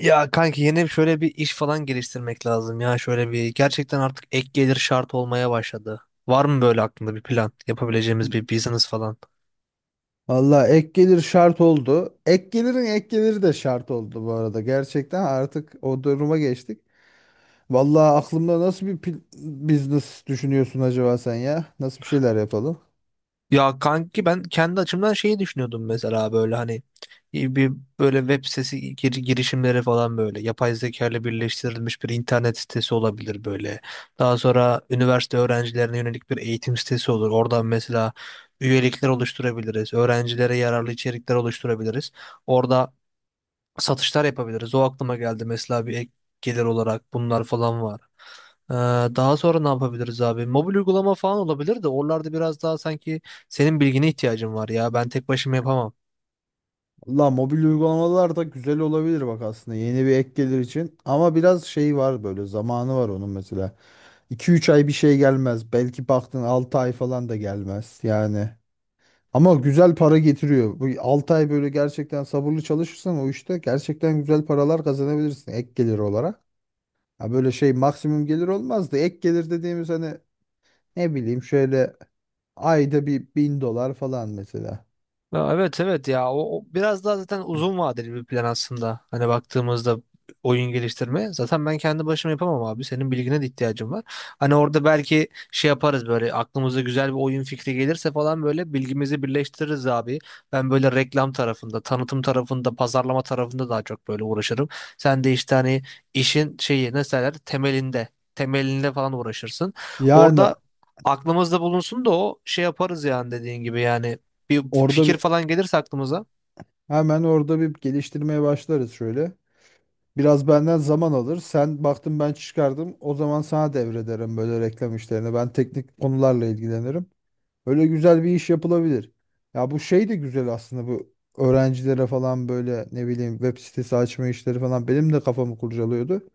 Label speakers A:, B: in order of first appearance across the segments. A: Ya kanki yeni şöyle bir iş falan geliştirmek lazım ya, şöyle bir gerçekten artık ek gelir şart olmaya başladı. Var mı böyle aklında bir plan yapabileceğimiz bir business falan?
B: Valla ek gelir şart oldu. Ek gelirin ek geliri de şart oldu bu arada. Gerçekten artık o duruma geçtik. Valla aklımda nasıl bir business düşünüyorsun acaba sen ya? Nasıl bir şeyler yapalım?
A: Ya kanki ben kendi açımdan şeyi düşünüyordum mesela, böyle hani bir böyle web sitesi girişimleri falan, böyle yapay zeka ile birleştirilmiş bir internet sitesi olabilir böyle. Daha sonra üniversite öğrencilerine yönelik bir eğitim sitesi olur. Oradan mesela üyelikler oluşturabiliriz. Öğrencilere yararlı içerikler oluşturabiliriz. Orada satışlar yapabiliriz. O aklıma geldi mesela, bir ek gelir olarak bunlar falan var. Ee, Daha sonra ne yapabiliriz abi? Mobil uygulama falan olabilir de oralarda biraz daha sanki senin bilgine ihtiyacım var ya. Ben tek başıma yapamam.
B: Valla mobil uygulamalar da güzel olabilir bak aslında yeni bir ek gelir için. Ama biraz şey var böyle zamanı var onun mesela. 2 üç ay bir şey gelmez. Belki baktın 6 ay falan da gelmez yani. Ama güzel para getiriyor. Bu 6 ay böyle gerçekten sabırlı çalışırsan o işte gerçekten güzel paralar kazanabilirsin ek gelir olarak. Ha, böyle şey maksimum gelir olmaz da ek gelir dediğimiz hani ne bileyim şöyle ayda bir 1.000 dolar falan mesela.
A: Ya evet, evet ya, o biraz daha zaten uzun vadeli bir plan aslında. Hani baktığımızda oyun geliştirme. Zaten ben kendi başıma yapamam abi. Senin bilgine de ihtiyacım var. Hani orada belki şey yaparız, böyle aklımıza güzel bir oyun fikri gelirse falan, böyle bilgimizi birleştiririz abi. Ben böyle reklam tarafında, tanıtım tarafında, pazarlama tarafında daha çok böyle uğraşırım. Sen de işte hani işin şeyi ne derler temelinde, temelinde falan uğraşırsın.
B: Yani
A: Orada aklımızda bulunsun da o şey yaparız, yani dediğin gibi yani bir
B: orada
A: fikir
B: bir-
A: falan gelirse aklımıza.
B: hemen orada bir geliştirmeye başlarız şöyle. Biraz benden zaman alır. Sen baktın ben çıkardım. O zaman sana devrederim böyle reklam işlerini. Ben teknik konularla ilgilenirim. Öyle güzel bir iş yapılabilir. Ya, bu şey de güzel aslında bu öğrencilere falan böyle ne bileyim web sitesi açma işleri falan benim de kafamı kurcalıyordu.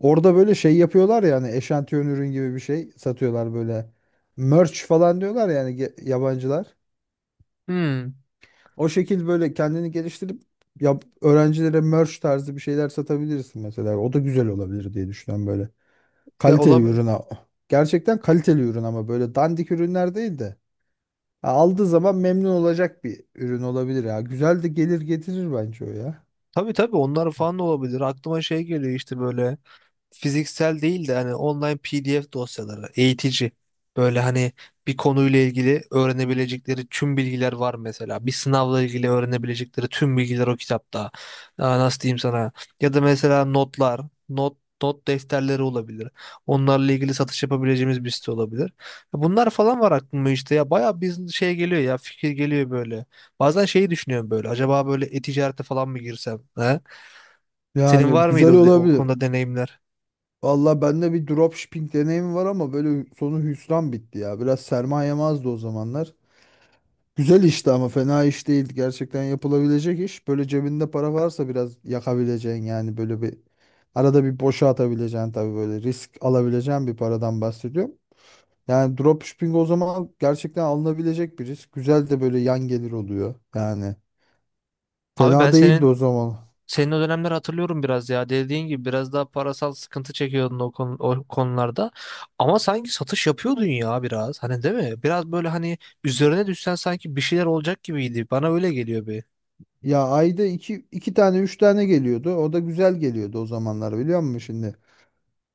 B: Orada böyle şey yapıyorlar yani eşantiyon ürün gibi bir şey satıyorlar böyle. Merch falan diyorlar yani yabancılar.
A: Hmm.
B: O şekil böyle kendini geliştirip ya öğrencilere merch tarzı bir şeyler satabilirsin mesela. O da güzel olabilir diye düşünüyorum böyle.
A: Ya
B: Kaliteli
A: olabilir.
B: ürün. Gerçekten kaliteli ürün ama böyle dandik ürünler değil de. Ya aldığı zaman memnun olacak bir ürün olabilir ya. Güzel de gelir getirir bence o ya.
A: Tabii tabii, onlar falan da olabilir. Aklıma şey geliyor işte böyle. Fiziksel değil de hani online PDF dosyaları, eğitici. Böyle hani bir konuyla ilgili öğrenebilecekleri tüm bilgiler var mesela. Bir sınavla ilgili öğrenebilecekleri tüm bilgiler o kitapta. Aa, nasıl diyeyim sana? Ya da mesela notlar, not defterleri olabilir. Onlarla ilgili satış yapabileceğimiz bir site olabilir. Bunlar falan var aklıma, işte ya bayağı bir şey geliyor ya, fikir geliyor böyle. Bazen şeyi düşünüyorum, böyle acaba böyle e-ticarete falan mı girsem? He? Senin
B: Yani
A: var mıydı
B: güzel
A: o
B: olabilir.
A: konuda deneyimler?
B: Valla bende bir dropshipping deneyimi var ama böyle sonu hüsran bitti ya. Biraz sermayem azdı o zamanlar. Güzel işti ama fena iş değil. Gerçekten yapılabilecek iş. Böyle cebinde para varsa biraz yakabileceğin yani böyle bir arada bir boşa atabileceğin tabii böyle risk alabileceğin bir paradan bahsediyorum. Yani dropshipping o zaman gerçekten alınabilecek bir risk. Güzel de böyle yan gelir oluyor yani.
A: Abi ben
B: Fena değildi
A: senin,
B: o zaman.
A: senin o dönemleri hatırlıyorum biraz ya. Dediğin gibi biraz daha parasal sıkıntı çekiyordun o konularda. Ama sanki satış yapıyordun ya biraz. Hani değil mi? Biraz böyle hani üzerine düşsen sanki bir şeyler olacak gibiydi. Bana öyle geliyor bir.
B: Ya ayda iki tane üç tane geliyordu. O da güzel geliyordu o zamanlar biliyor musun şimdi?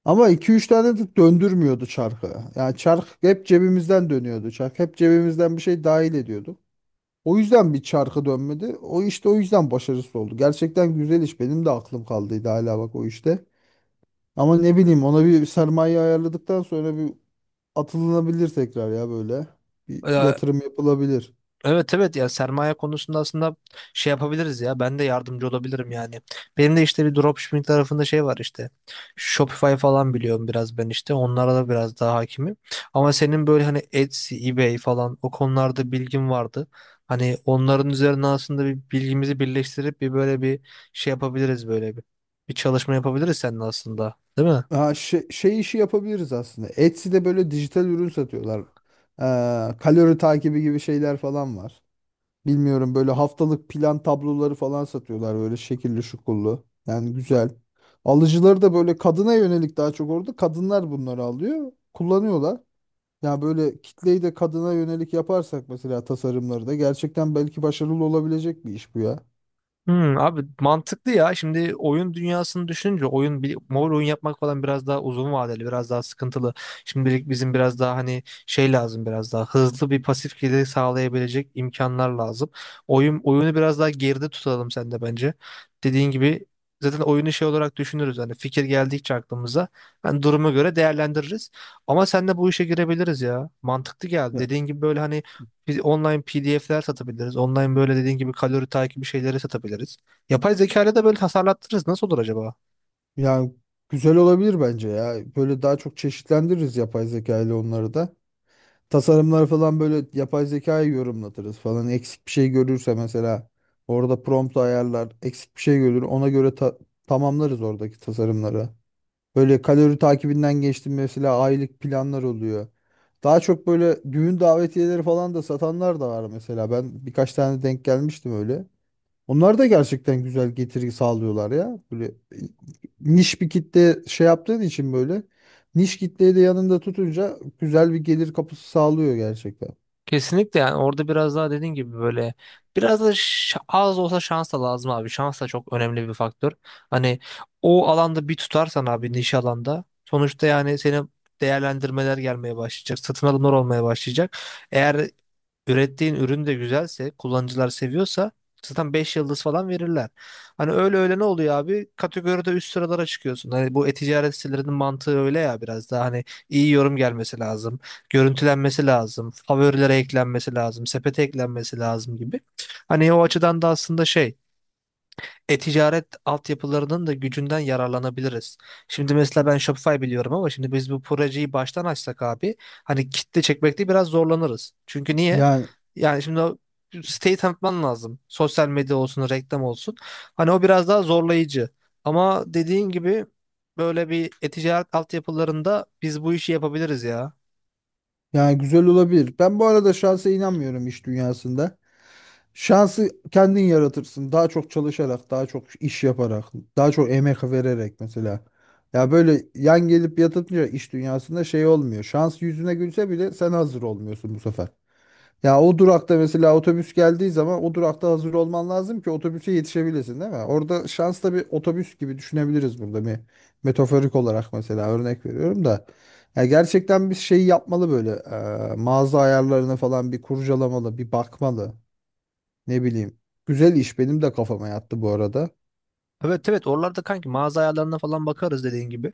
B: Ama iki üç tane de döndürmüyordu çarkı. Yani çark hep cebimizden dönüyordu. Çark hep cebimizden bir şey dahil ediyordu. O yüzden bir çarkı dönmedi. O işte o yüzden başarısız oldu. Gerçekten güzel iş. Benim de aklım kaldıydı hala bak o işte. Ama ne bileyim ona bir sermaye ayarladıktan sonra bir atılınabilir tekrar ya böyle. Bir
A: Ee,
B: yatırım yapılabilir.
A: Evet evet ya, sermaye konusunda aslında şey yapabiliriz ya, ben de yardımcı olabilirim yani. Benim de işte bir dropshipping tarafında şey var, işte Shopify falan biliyorum biraz ben, işte onlara da biraz daha hakimim. Ama senin böyle hani Etsy, eBay falan o konularda bilgin vardı. Hani onların üzerine aslında bir bilgimizi birleştirip bir böyle şey yapabiliriz böyle bir. Bir çalışma yapabiliriz seninle aslında, değil mi?
B: Ha, şey işi yapabiliriz aslında. Etsy'de böyle dijital ürün satıyorlar. Kalori takibi gibi şeyler falan var. Bilmiyorum böyle haftalık plan tabloları falan satıyorlar böyle şekilli şukullu. Yani güzel. Alıcıları da böyle kadına yönelik daha çok orada. Kadınlar bunları alıyor, kullanıyorlar. Yani böyle kitleyi de kadına yönelik yaparsak mesela tasarımları da gerçekten belki başarılı olabilecek bir iş bu ya.
A: Hmm, abi mantıklı ya. Şimdi oyun dünyasını düşününce oyun bir mobil oyun yapmak falan biraz daha uzun vadeli, biraz daha sıkıntılı. Şimdilik bizim biraz daha hani şey lazım, biraz daha hızlı bir pasif gelir sağlayabilecek imkanlar lazım. Oyun oyunu biraz daha geride tutalım sen de bence. Dediğin gibi zaten oyunu şey olarak düşünürüz, hani fikir geldikçe aklımıza. Ben duruma göre değerlendiririz. Ama sen de bu işe girebiliriz ya. Mantıklı geldi.
B: Ya-
A: Dediğin gibi böyle hani biz online PDF'ler satabiliriz. Online böyle dediğin gibi kalori takibi şeyleri satabiliriz. Yapay zeka ile de böyle tasarlattırırız. Nasıl olur acaba?
B: Yani güzel olabilir bence ya. Böyle daha çok çeşitlendiririz yapay zeka ile onları da. Tasarımları falan böyle yapay zekayı yorumlatırız falan. Eksik bir şey görürse mesela orada prompt ayarlar, eksik bir şey görür ona göre tamamlarız oradaki tasarımları. Böyle kalori takibinden geçtim mesela aylık planlar oluyor. Daha çok böyle düğün davetiyeleri falan da satanlar da var mesela. Ben birkaç tane denk gelmiştim öyle. Onlar da gerçekten güzel getiri sağlıyorlar ya. Böyle niş bir kitle şey yaptığın için böyle niş kitleyi de yanında tutunca güzel bir gelir kapısı sağlıyor gerçekten.
A: Kesinlikle, yani orada biraz daha dediğin gibi böyle biraz da az olsa şans da lazım abi. Şans da çok önemli bir faktör. Hani o alanda bir tutarsan abi, niş alanda sonuçta, yani senin değerlendirmeler gelmeye başlayacak. Satın alımlar olmaya başlayacak. Eğer ürettiğin ürün de güzelse, kullanıcılar seviyorsa zaten 5 yıldız falan verirler. Hani öyle öyle ne oluyor abi? Kategoride üst sıralara çıkıyorsun. Hani bu e-ticaret sitelerinin mantığı öyle ya, biraz daha hani iyi yorum gelmesi lazım, görüntülenmesi lazım, favorilere eklenmesi lazım, sepete eklenmesi lazım gibi. Hani o açıdan da aslında şey, e-ticaret altyapılarının da gücünden yararlanabiliriz. Şimdi mesela ben Shopify biliyorum ama şimdi biz bu projeyi baştan açsak abi, hani kitle çekmekte biraz zorlanırız. Çünkü niye?
B: Yani
A: Yani şimdi o siteyi tanıtman lazım. Sosyal medya olsun, reklam olsun. Hani o biraz daha zorlayıcı. Ama dediğin gibi böyle bir e-ticaret altyapılarında biz bu işi yapabiliriz ya.
B: yani güzel olabilir. Ben bu arada şansa inanmıyorum iş dünyasında. Şansı kendin yaratırsın. Daha çok çalışarak, daha çok iş yaparak, daha çok emek vererek mesela. Ya böyle yan gelip yatınca iş dünyasında şey olmuyor. Şans yüzüne gülse bile sen hazır olmuyorsun bu sefer. Ya o durakta mesela otobüs geldiği zaman o durakta hazır olman lazım ki otobüse yetişebilesin değil mi? Orada şans da bir otobüs gibi düşünebiliriz burada bir metaforik olarak mesela örnek veriyorum da. Ya gerçekten bir şey yapmalı böyle mağaza ayarlarını falan bir kurcalamalı bir bakmalı ne bileyim. Güzel iş benim de kafama yattı bu arada.
A: Evet evet, oralarda kanki mağaza ayarlarına falan bakarız dediğin gibi.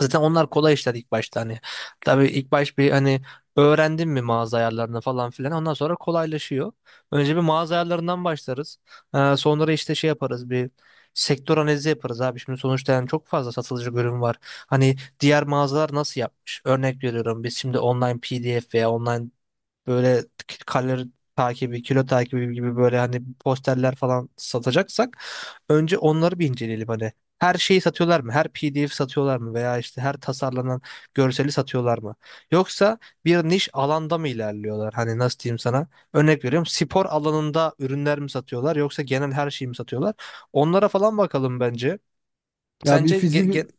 A: Zaten onlar kolay işler ilk başta hani. Tabii ilk baş bir hani öğrendin mi mağaza ayarlarını falan filan, ondan sonra kolaylaşıyor. Önce bir mağaza ayarlarından başlarız. Sonra işte şey yaparız, bir sektör analizi yaparız abi. Şimdi sonuçta yani çok fazla satılıcı ürün var. Hani diğer mağazalar nasıl yapmış? Örnek veriyorum, biz şimdi online PDF veya online böyle kalori takibi, kilo takibi gibi böyle hani posterler falan satacaksak önce onları bir inceleyelim hani. Her şeyi satıyorlar mı? Her PDF satıyorlar mı? Veya işte her tasarlanan görseli satıyorlar mı? Yoksa bir niş alanda mı ilerliyorlar? Hani nasıl diyeyim sana? Örnek veriyorum, spor alanında ürünler mi satıyorlar yoksa genel her şeyi mi satıyorlar? Onlara falan bakalım bence.
B: Ya bir
A: Sence ge-
B: fizibi
A: ge-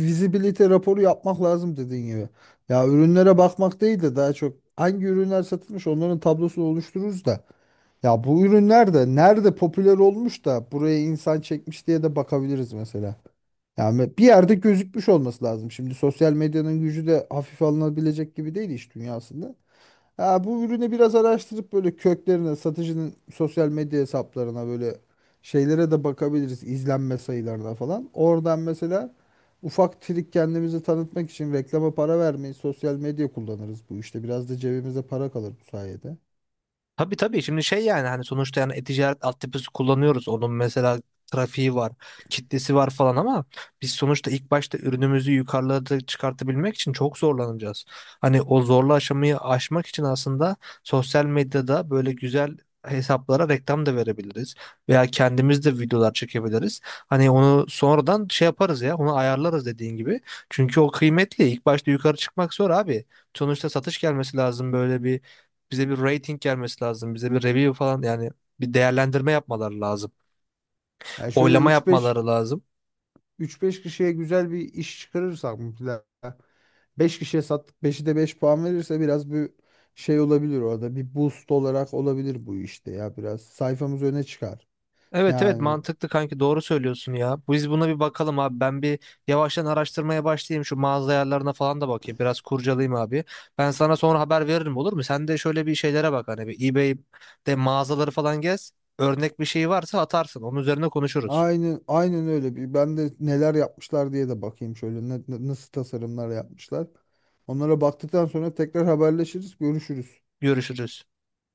B: Visibility raporu yapmak lazım dediğin gibi. Ya ürünlere bakmak değil de daha çok hangi ürünler satılmış onların tablosunu oluştururuz da. Ya bu ürünler de nerede popüler olmuş da buraya insan çekmiş diye de bakabiliriz mesela. Yani bir yerde gözükmüş olması lazım. Şimdi sosyal medyanın gücü de hafife alınabilecek gibi değil iş dünyasında. Ha, bu ürünü biraz araştırıp böyle köklerine, satıcının sosyal medya hesaplarına böyle şeylere de bakabiliriz. İzlenme sayılarına falan. Oradan mesela ufak trik kendimizi tanıtmak için reklama para vermeyi sosyal medya kullanırız bu işte. Biraz da cebimize para kalır bu sayede.
A: Tabii tabii, şimdi şey yani hani sonuçta yani e-ticaret altyapısı kullanıyoruz. Onun mesela trafiği var, kitlesi var falan ama biz sonuçta ilk başta ürünümüzü yukarılara çıkartabilmek için çok zorlanacağız. Hani o zorlu aşamayı aşmak için aslında sosyal medyada böyle güzel hesaplara reklam da verebiliriz veya kendimiz de videolar çekebiliriz. Hani onu sonradan şey yaparız ya, onu ayarlarız dediğin gibi. Çünkü o kıymetli. İlk başta yukarı çıkmak zor abi. Sonuçta satış gelmesi lazım, böyle bize bir rating gelmesi lazım. Bize bir review falan, yani bir değerlendirme yapmaları lazım.
B: Yani şöyle
A: Oylama
B: üç beş
A: yapmaları lazım.
B: üç beş kişiye güzel bir iş çıkarırsak mesela beş kişiye sattık 5'i de 5 puan verirse biraz bir şey olabilir orada. Bir boost olarak olabilir bu işte ya biraz sayfamız öne çıkar.
A: Evet evet,
B: Yani
A: mantıklı kanki, doğru söylüyorsun ya. Biz buna bir bakalım abi. Ben bir yavaştan araştırmaya başlayayım. Şu mağaza ayarlarına falan da bakayım. Biraz kurcalayayım abi. Ben sana sonra haber veririm, olur mu? Sen de şöyle bir şeylere bak, hani bir eBay'de mağazaları falan gez. Örnek bir şey varsa atarsın. Onun üzerine konuşuruz.
B: aynen aynen öyle. Bir ben de neler yapmışlar diye de bakayım şöyle nasıl tasarımlar yapmışlar. Onlara baktıktan sonra tekrar haberleşiriz, görüşürüz.
A: Görüşürüz.